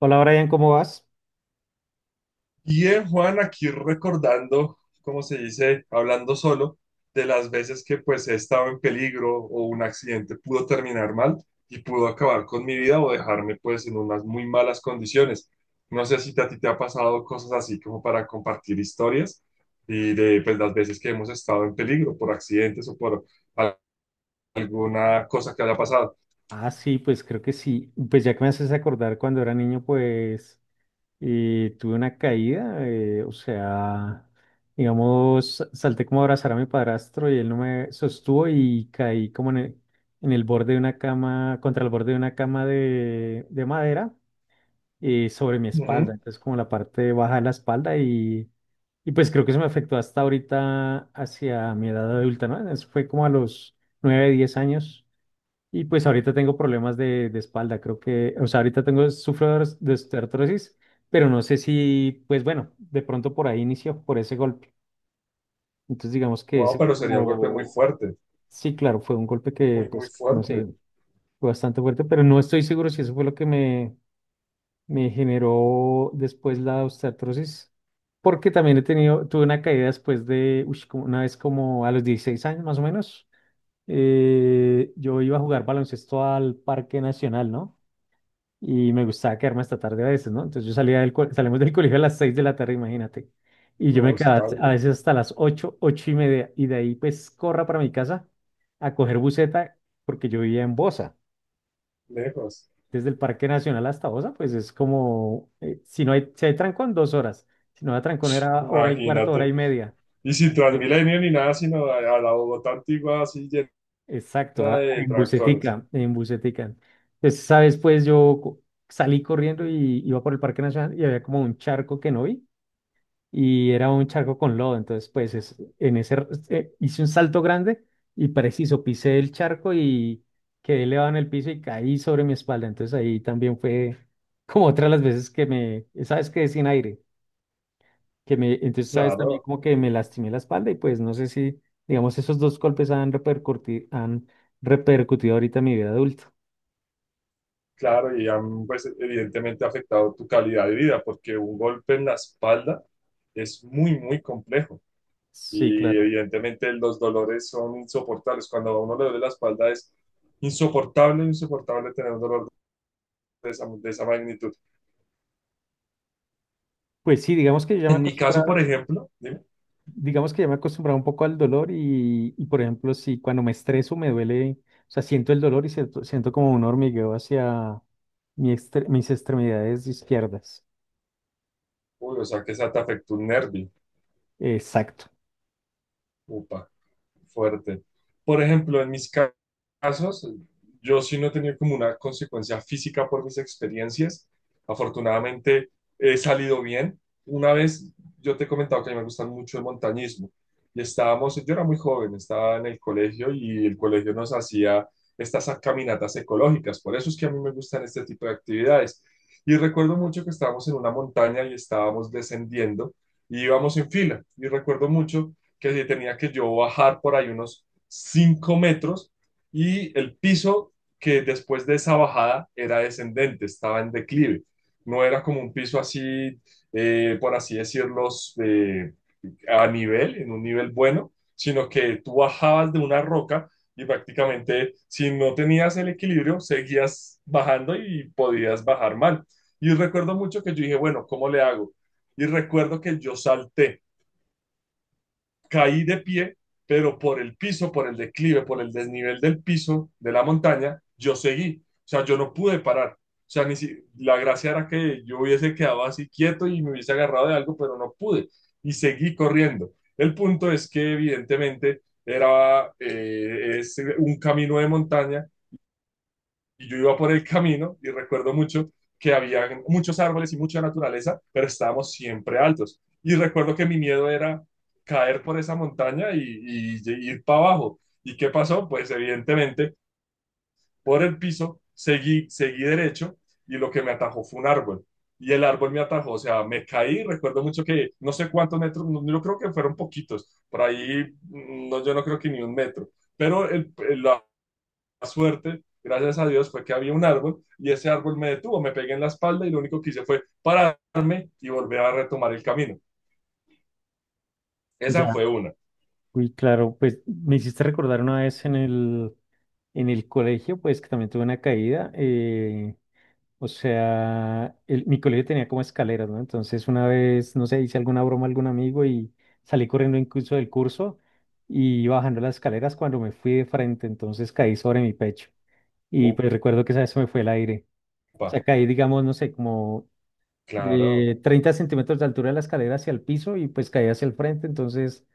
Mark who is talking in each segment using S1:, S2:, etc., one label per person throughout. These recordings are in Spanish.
S1: Hola Brian, ¿cómo vas?
S2: Bien, Juan, aquí recordando, como se dice, hablando solo, de las veces que pues he estado en peligro o un accidente pudo terminar mal y pudo acabar con mi vida o dejarme pues en unas muy malas condiciones. No sé si a ti te ha pasado cosas así como para compartir historias y de pues las veces que hemos estado en peligro por accidentes o por al- alguna cosa que haya pasado.
S1: Ah, sí, pues creo que sí. Pues ya que me haces acordar cuando era niño, pues tuve una caída, o sea, digamos, salté como a abrazar a mi padrastro y él no me sostuvo y caí como en el borde de una cama, contra el borde de una cama de madera sobre mi espalda,
S2: Ujú.
S1: entonces como la parte baja de la espalda y pues creo que eso me afectó hasta ahorita hacia mi edad adulta, ¿no? Eso fue como a los 9 o 10 años. Y pues ahorita tengo problemas de espalda, creo que, o sea, ahorita tengo, sufro de osteoartrosis, pero no sé si, pues bueno, de pronto por ahí inició, por ese golpe. Entonces digamos que
S2: Wow,
S1: ese fue
S2: pero sería un golpe muy
S1: como,
S2: fuerte,
S1: sí, claro, fue un golpe que,
S2: muy, muy
S1: pues, no
S2: fuerte,
S1: sé, fue bastante fuerte, pero no estoy seguro si eso fue lo que me generó después la osteoartrosis, porque también he tenido, tuve una caída después de, uy, como una vez como a los 16 años más o menos, yo iba a jugar baloncesto al Parque Nacional, ¿no? Y me gustaba quedarme hasta tarde a veces, ¿no? Entonces yo salía del salimos del colegio a las 6 de la tarde, imagínate. Y yo
S2: o
S1: me quedaba a
S2: estable,
S1: veces hasta las 8, 8 y media, y de ahí pues corra para mi casa a coger buseta, porque yo vivía en Bosa.
S2: lejos,
S1: Desde el Parque Nacional hasta Bosa, pues es como, si no hay, si hay trancón, 2 horas. Si no hay trancón, era hora y cuarto, hora y
S2: imagínate.
S1: media.
S2: Y sin
S1: Yo-
S2: Transmilenio ni nada, sino a la Bogotá antigua así
S1: Exacto,
S2: llena
S1: ah,
S2: de
S1: en
S2: trancones.
S1: busetica, en busetica. Entonces, sabes, pues salí corriendo y iba por el Parque Nacional y había como un charco que no vi. Y era un charco con lodo. Entonces, hice un salto grande y preciso, pisé el charco y quedé elevado en el piso y caí sobre mi espalda. Entonces ahí también fue como otra de las veces que me, sabes que sin aire, que me, entonces sabes también
S2: Claro,
S1: como que me lastimé la espalda y pues no sé si, digamos, esos dos golpes han repercutido ahorita en mi vida adulta.
S2: claro, y han, pues, evidentemente afectado tu calidad de vida, porque un golpe en la espalda es muy, muy complejo.
S1: Sí,
S2: Y
S1: claro.
S2: evidentemente los dolores son insoportables. Cuando a uno le duele la espalda es insoportable, insoportable tener un dolor de esa magnitud.
S1: Pues sí, digamos que yo ya me
S2: En mi caso, por
S1: acostumbraba,
S2: ejemplo, dime,
S1: digamos que ya me he acostumbrado un poco al dolor por ejemplo, si cuando me estreso me duele, o sea, siento el dolor y siento, siento como un hormigueo hacia mis extremidades izquierdas.
S2: uy, o sea que esa te afectó un nervio.
S1: Exacto.
S2: Upa. Fuerte. Por ejemplo, en mis casos, yo sí no he tenido como una consecuencia física por mis experiencias. Afortunadamente he salido bien. Una vez yo te he comentado que a mí me gustan mucho el montañismo y estábamos, yo era muy joven, estaba en el colegio y el colegio nos hacía estas caminatas ecológicas. Por eso es que a mí me gustan este tipo de actividades. Y recuerdo mucho que estábamos en una montaña y estábamos descendiendo y íbamos en fila. Y recuerdo mucho que se tenía que yo bajar por ahí unos 5 metros, y el piso que después de esa bajada era descendente, estaba en declive. No era como un piso así, por así decirlo, eh, a nivel, en un nivel bueno, sino que tú bajabas de una roca y prácticamente si no tenías el equilibrio, seguías bajando y podías bajar mal. Y recuerdo mucho que yo dije, bueno, ¿cómo le hago? Y recuerdo que yo salté, caí de pie, pero por el piso, por el declive, por el desnivel del piso de la montaña, yo seguí. O sea, yo no pude parar. O sea, ni si, la gracia era que yo hubiese quedado así quieto y me hubiese agarrado de algo, pero no pude. Y seguí corriendo. El punto es que evidentemente era, es un camino de montaña y yo iba por el camino y recuerdo mucho que había muchos árboles y mucha naturaleza, pero estábamos siempre altos. Y recuerdo que mi miedo era caer por esa montaña y ir para abajo. ¿Y qué pasó? Pues evidentemente por el piso seguí derecho, y lo que me atajó fue un árbol. Y el árbol me atajó, o sea, me caí. Recuerdo mucho que no sé cuántos metros, no, yo creo que fueron poquitos, por ahí, no, yo no creo que ni un metro, pero el suerte, gracias a Dios, fue que había un árbol y ese árbol me detuvo, me pegué en la espalda y lo único que hice fue pararme y volver a retomar el camino. Esa
S1: Ya,
S2: fue una.
S1: uy, claro, pues me hiciste recordar una vez en el colegio, pues que también tuve una caída. O sea, mi colegio tenía como escaleras, ¿no? Entonces una vez, no sé, hice alguna broma a algún amigo y salí corriendo incluso del curso y iba bajando las escaleras cuando me fui de frente, entonces caí sobre mi pecho. Y pues recuerdo que esa vez se me fue el aire. O
S2: Upa,
S1: sea, caí, digamos, no sé, como
S2: claro,
S1: de 30 centímetros de altura de la escalera hacia el piso y pues caí hacia el frente, entonces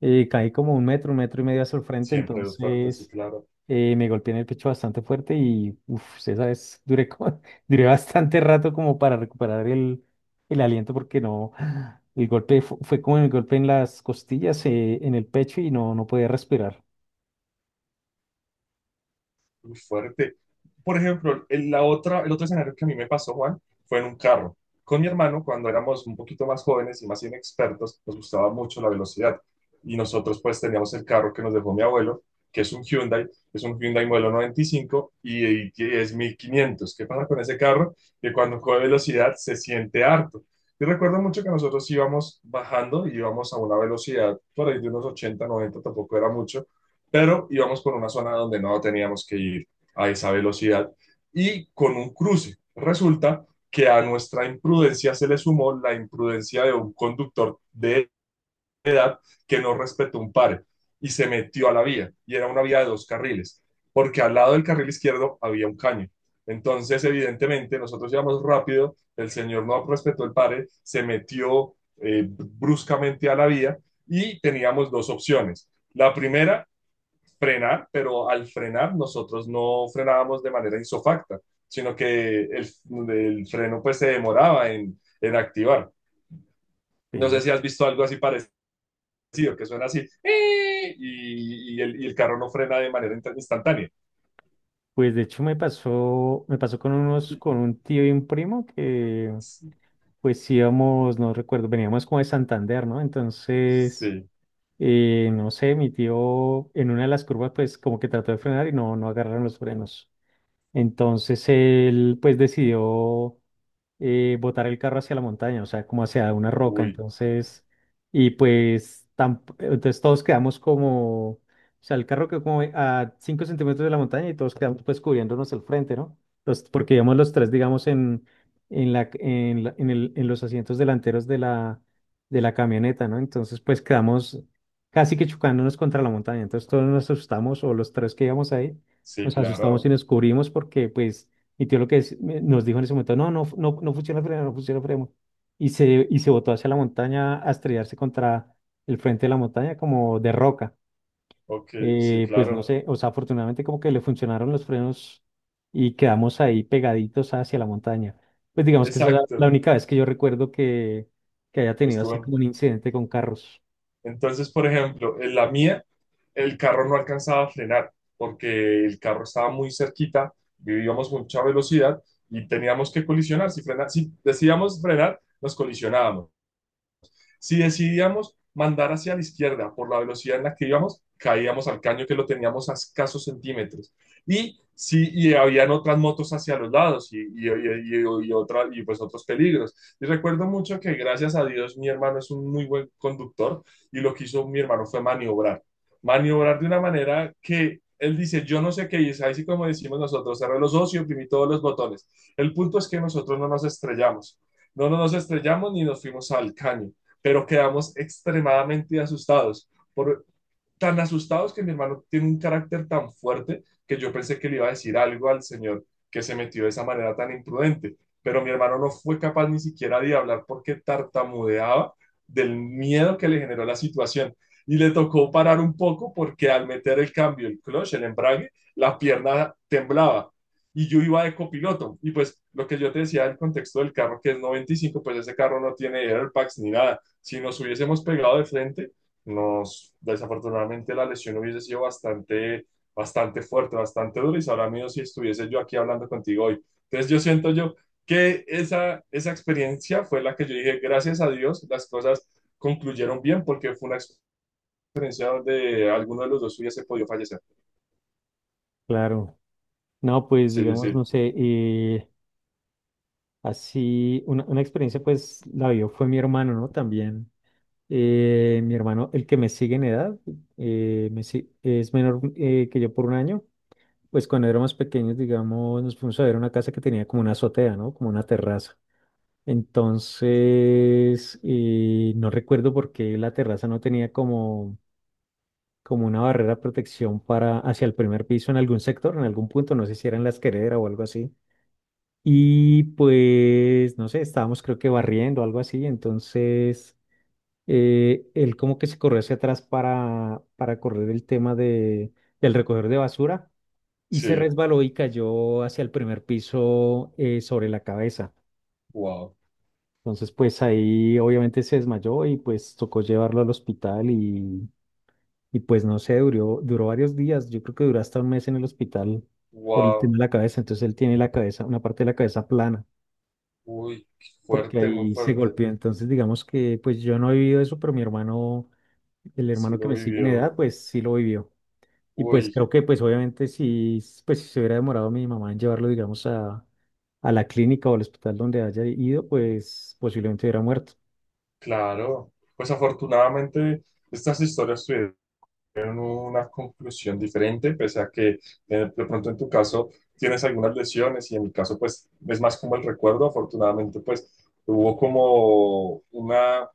S1: caí como un metro y medio hacia el frente,
S2: siempre fuerte, sí,
S1: entonces
S2: claro.
S1: me golpeé en el pecho bastante fuerte y uff, esa vez duré, duré bastante rato como para recuperar el aliento porque no, el golpe fue, como el golpe en las costillas, en el pecho y no, no podía respirar.
S2: Muy fuerte. Por ejemplo, el otro escenario que a mí me pasó, Juan, fue en un carro. Con mi hermano, cuando éramos un poquito más jóvenes y más inexpertos, nos gustaba mucho la velocidad. Y nosotros pues teníamos el carro que nos dejó mi abuelo, que es un Hyundai modelo 95 y que es 1500. ¿Qué pasa con ese carro? Que cuando coge velocidad se siente harto. Yo recuerdo mucho que nosotros íbamos bajando, íbamos a una velocidad por ahí de unos ochenta, noventa, tampoco era mucho, pero íbamos por una zona donde no teníamos que ir a esa velocidad y con un cruce. Resulta que a nuestra imprudencia se le sumó la imprudencia de un conductor de edad que no respetó un pare y se metió a la vía, y era una vía de dos carriles, porque al lado del carril izquierdo había un caño. Entonces, evidentemente, nosotros íbamos rápido, el señor no respetó el pare, se metió bruscamente a la vía y teníamos dos opciones. La primera, frenar, pero al frenar nosotros no frenábamos de manera isofacta, sino que el freno pues se demoraba en, activar. No sé
S1: Eh,
S2: si has visto algo así parecido, que suena así, ¡eh! y el carro no frena de manera instantánea.
S1: pues de hecho me pasó con unos, con un tío y un primo que pues sí íbamos, no recuerdo, veníamos como de Santander, ¿no? Entonces,
S2: Sí,
S1: no sé, mi tío en una de las curvas pues como que trató de frenar y no, no agarraron los frenos. Entonces él pues decidió botar el carro hacia la montaña, o sea, como hacia una roca,
S2: uy,
S1: entonces, y pues, entonces todos quedamos como, o sea, el carro quedó como a 5 centímetros de la montaña y todos quedamos pues cubriéndonos el frente, ¿no? Entonces, porque íbamos los tres, digamos, en, en los asientos delanteros de la camioneta, ¿no? Entonces, pues quedamos casi que chocándonos contra la montaña, entonces todos nos asustamos, o los tres que íbamos ahí,
S2: sí,
S1: nos asustamos y
S2: claro.
S1: nos cubrimos porque, pues, mi tío lo que es- me- nos dijo en ese momento, no, no, no, no funciona el freno, no funciona el freno. Y se botó hacia la montaña a estrellarse contra el frente de la montaña como de roca.
S2: Ok, sí,
S1: Pues no
S2: claro.
S1: sé, o sea, afortunadamente como que le funcionaron los frenos y quedamos ahí pegaditos hacia la montaña. Pues digamos que esa es la
S2: Exacto.
S1: única vez que yo recuerdo que haya tenido así
S2: Estuvo
S1: como un incidente con carros.
S2: Entonces, por ejemplo, en la mía el carro no alcanzaba a frenar porque el carro estaba muy cerquita, vivíamos mucha velocidad y teníamos que colisionar. Si decidíamos frenar, nos colisionábamos. Si decidíamos mandar hacia la izquierda por la velocidad en la que íbamos, caíamos al caño que lo teníamos a escasos centímetros. Y sí, y habían otras motos hacia los lados y pues otros peligros. Y recuerdo mucho que gracias a Dios mi hermano es un muy buen conductor, y lo que hizo mi hermano fue maniobrar. Maniobrar de una manera que él dice, yo no sé qué hice, así como decimos nosotros, cerré los ojos y oprimí todos los botones. El punto es que nosotros no nos estrellamos. No, no nos estrellamos ni nos fuimos al caño, pero quedamos extremadamente asustados. Por tan asustados que mi hermano tiene un carácter tan fuerte, que yo pensé que le iba a decir algo al señor que se metió de esa manera tan imprudente. Pero mi hermano no fue capaz ni siquiera de hablar porque tartamudeaba del miedo que le generó la situación. Y le tocó parar un poco porque al meter el cambio, el clutch, el embrague, la pierna temblaba. Y yo iba de copiloto. Y pues lo que yo te decía del contexto del carro, que es 95, pues ese carro no tiene airbags ni nada. Si nos hubiésemos pegado de frente, desafortunadamente la lesión hubiese sido bastante, bastante fuerte, bastante dura, y sabrá mío si estuviese yo aquí hablando contigo hoy. Entonces yo siento yo que esa experiencia fue la que yo dije, gracias a Dios, las cosas concluyeron bien, porque fue una experiencia donde alguno de los dos hubiese podido fallecer.
S1: Claro. No, pues
S2: Sí, sí,
S1: digamos, no
S2: sí,
S1: sé, así una experiencia pues la vio fue mi hermano, ¿no? También. Mi hermano, el que me sigue en edad, me si- es menor que yo por un año. Pues cuando éramos pequeños, digamos, nos fuimos a ver una casa que tenía como una azotea, ¿no? Como una terraza. Entonces, no recuerdo por qué la terraza no tenía como, como una barrera de protección para hacia el primer piso en algún sector, en algún punto, no sé si era en la escalera o algo así. Y pues, no sé, estábamos creo que barriendo o algo así, entonces él como que se corrió hacia atrás para correr el tema del recoger de basura y se
S2: sí,
S1: resbaló y cayó hacia el primer piso sobre la cabeza.
S2: wow,
S1: Entonces, pues ahí obviamente se desmayó y pues tocó llevarlo al hospital y pues no sé, duró, duró varios días, yo creo que duró hasta un mes en el hospital por el tema
S2: wow,
S1: de la cabeza. Entonces él tiene la cabeza, una parte de la cabeza plana,
S2: uy,
S1: porque
S2: fuerte, muy
S1: ahí se
S2: fuerte,
S1: golpeó. Entonces, digamos que pues yo no he vivido eso, pero mi hermano el
S2: sí
S1: hermano que
S2: lo
S1: me sigue en
S2: vivió,
S1: edad, pues sí lo vivió. Y pues
S2: uy,
S1: creo que, pues obviamente, si, pues, si se hubiera demorado mi mamá en llevarlo, digamos, a la clínica o al hospital donde haya ido, pues posiblemente hubiera muerto.
S2: claro, pues afortunadamente estas historias tuvieron tienen una conclusión diferente, pese a que de pronto en tu caso tienes algunas lesiones y en mi caso pues es más como el recuerdo. Afortunadamente pues hubo como una,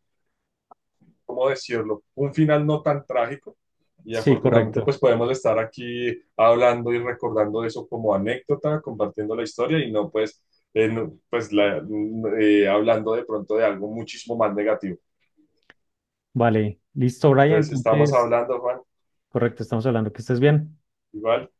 S2: ¿cómo decirlo? Un final no tan trágico, y
S1: Sí,
S2: afortunadamente pues
S1: correcto.
S2: podemos estar aquí hablando y recordando eso como anécdota, compartiendo la historia y no pues, no, pues hablando de pronto de algo muchísimo más negativo.
S1: Vale, listo, Brian.
S2: Entonces estamos
S1: Entonces,
S2: hablando, Juan,
S1: correcto, estamos hablando que estés bien.
S2: igual.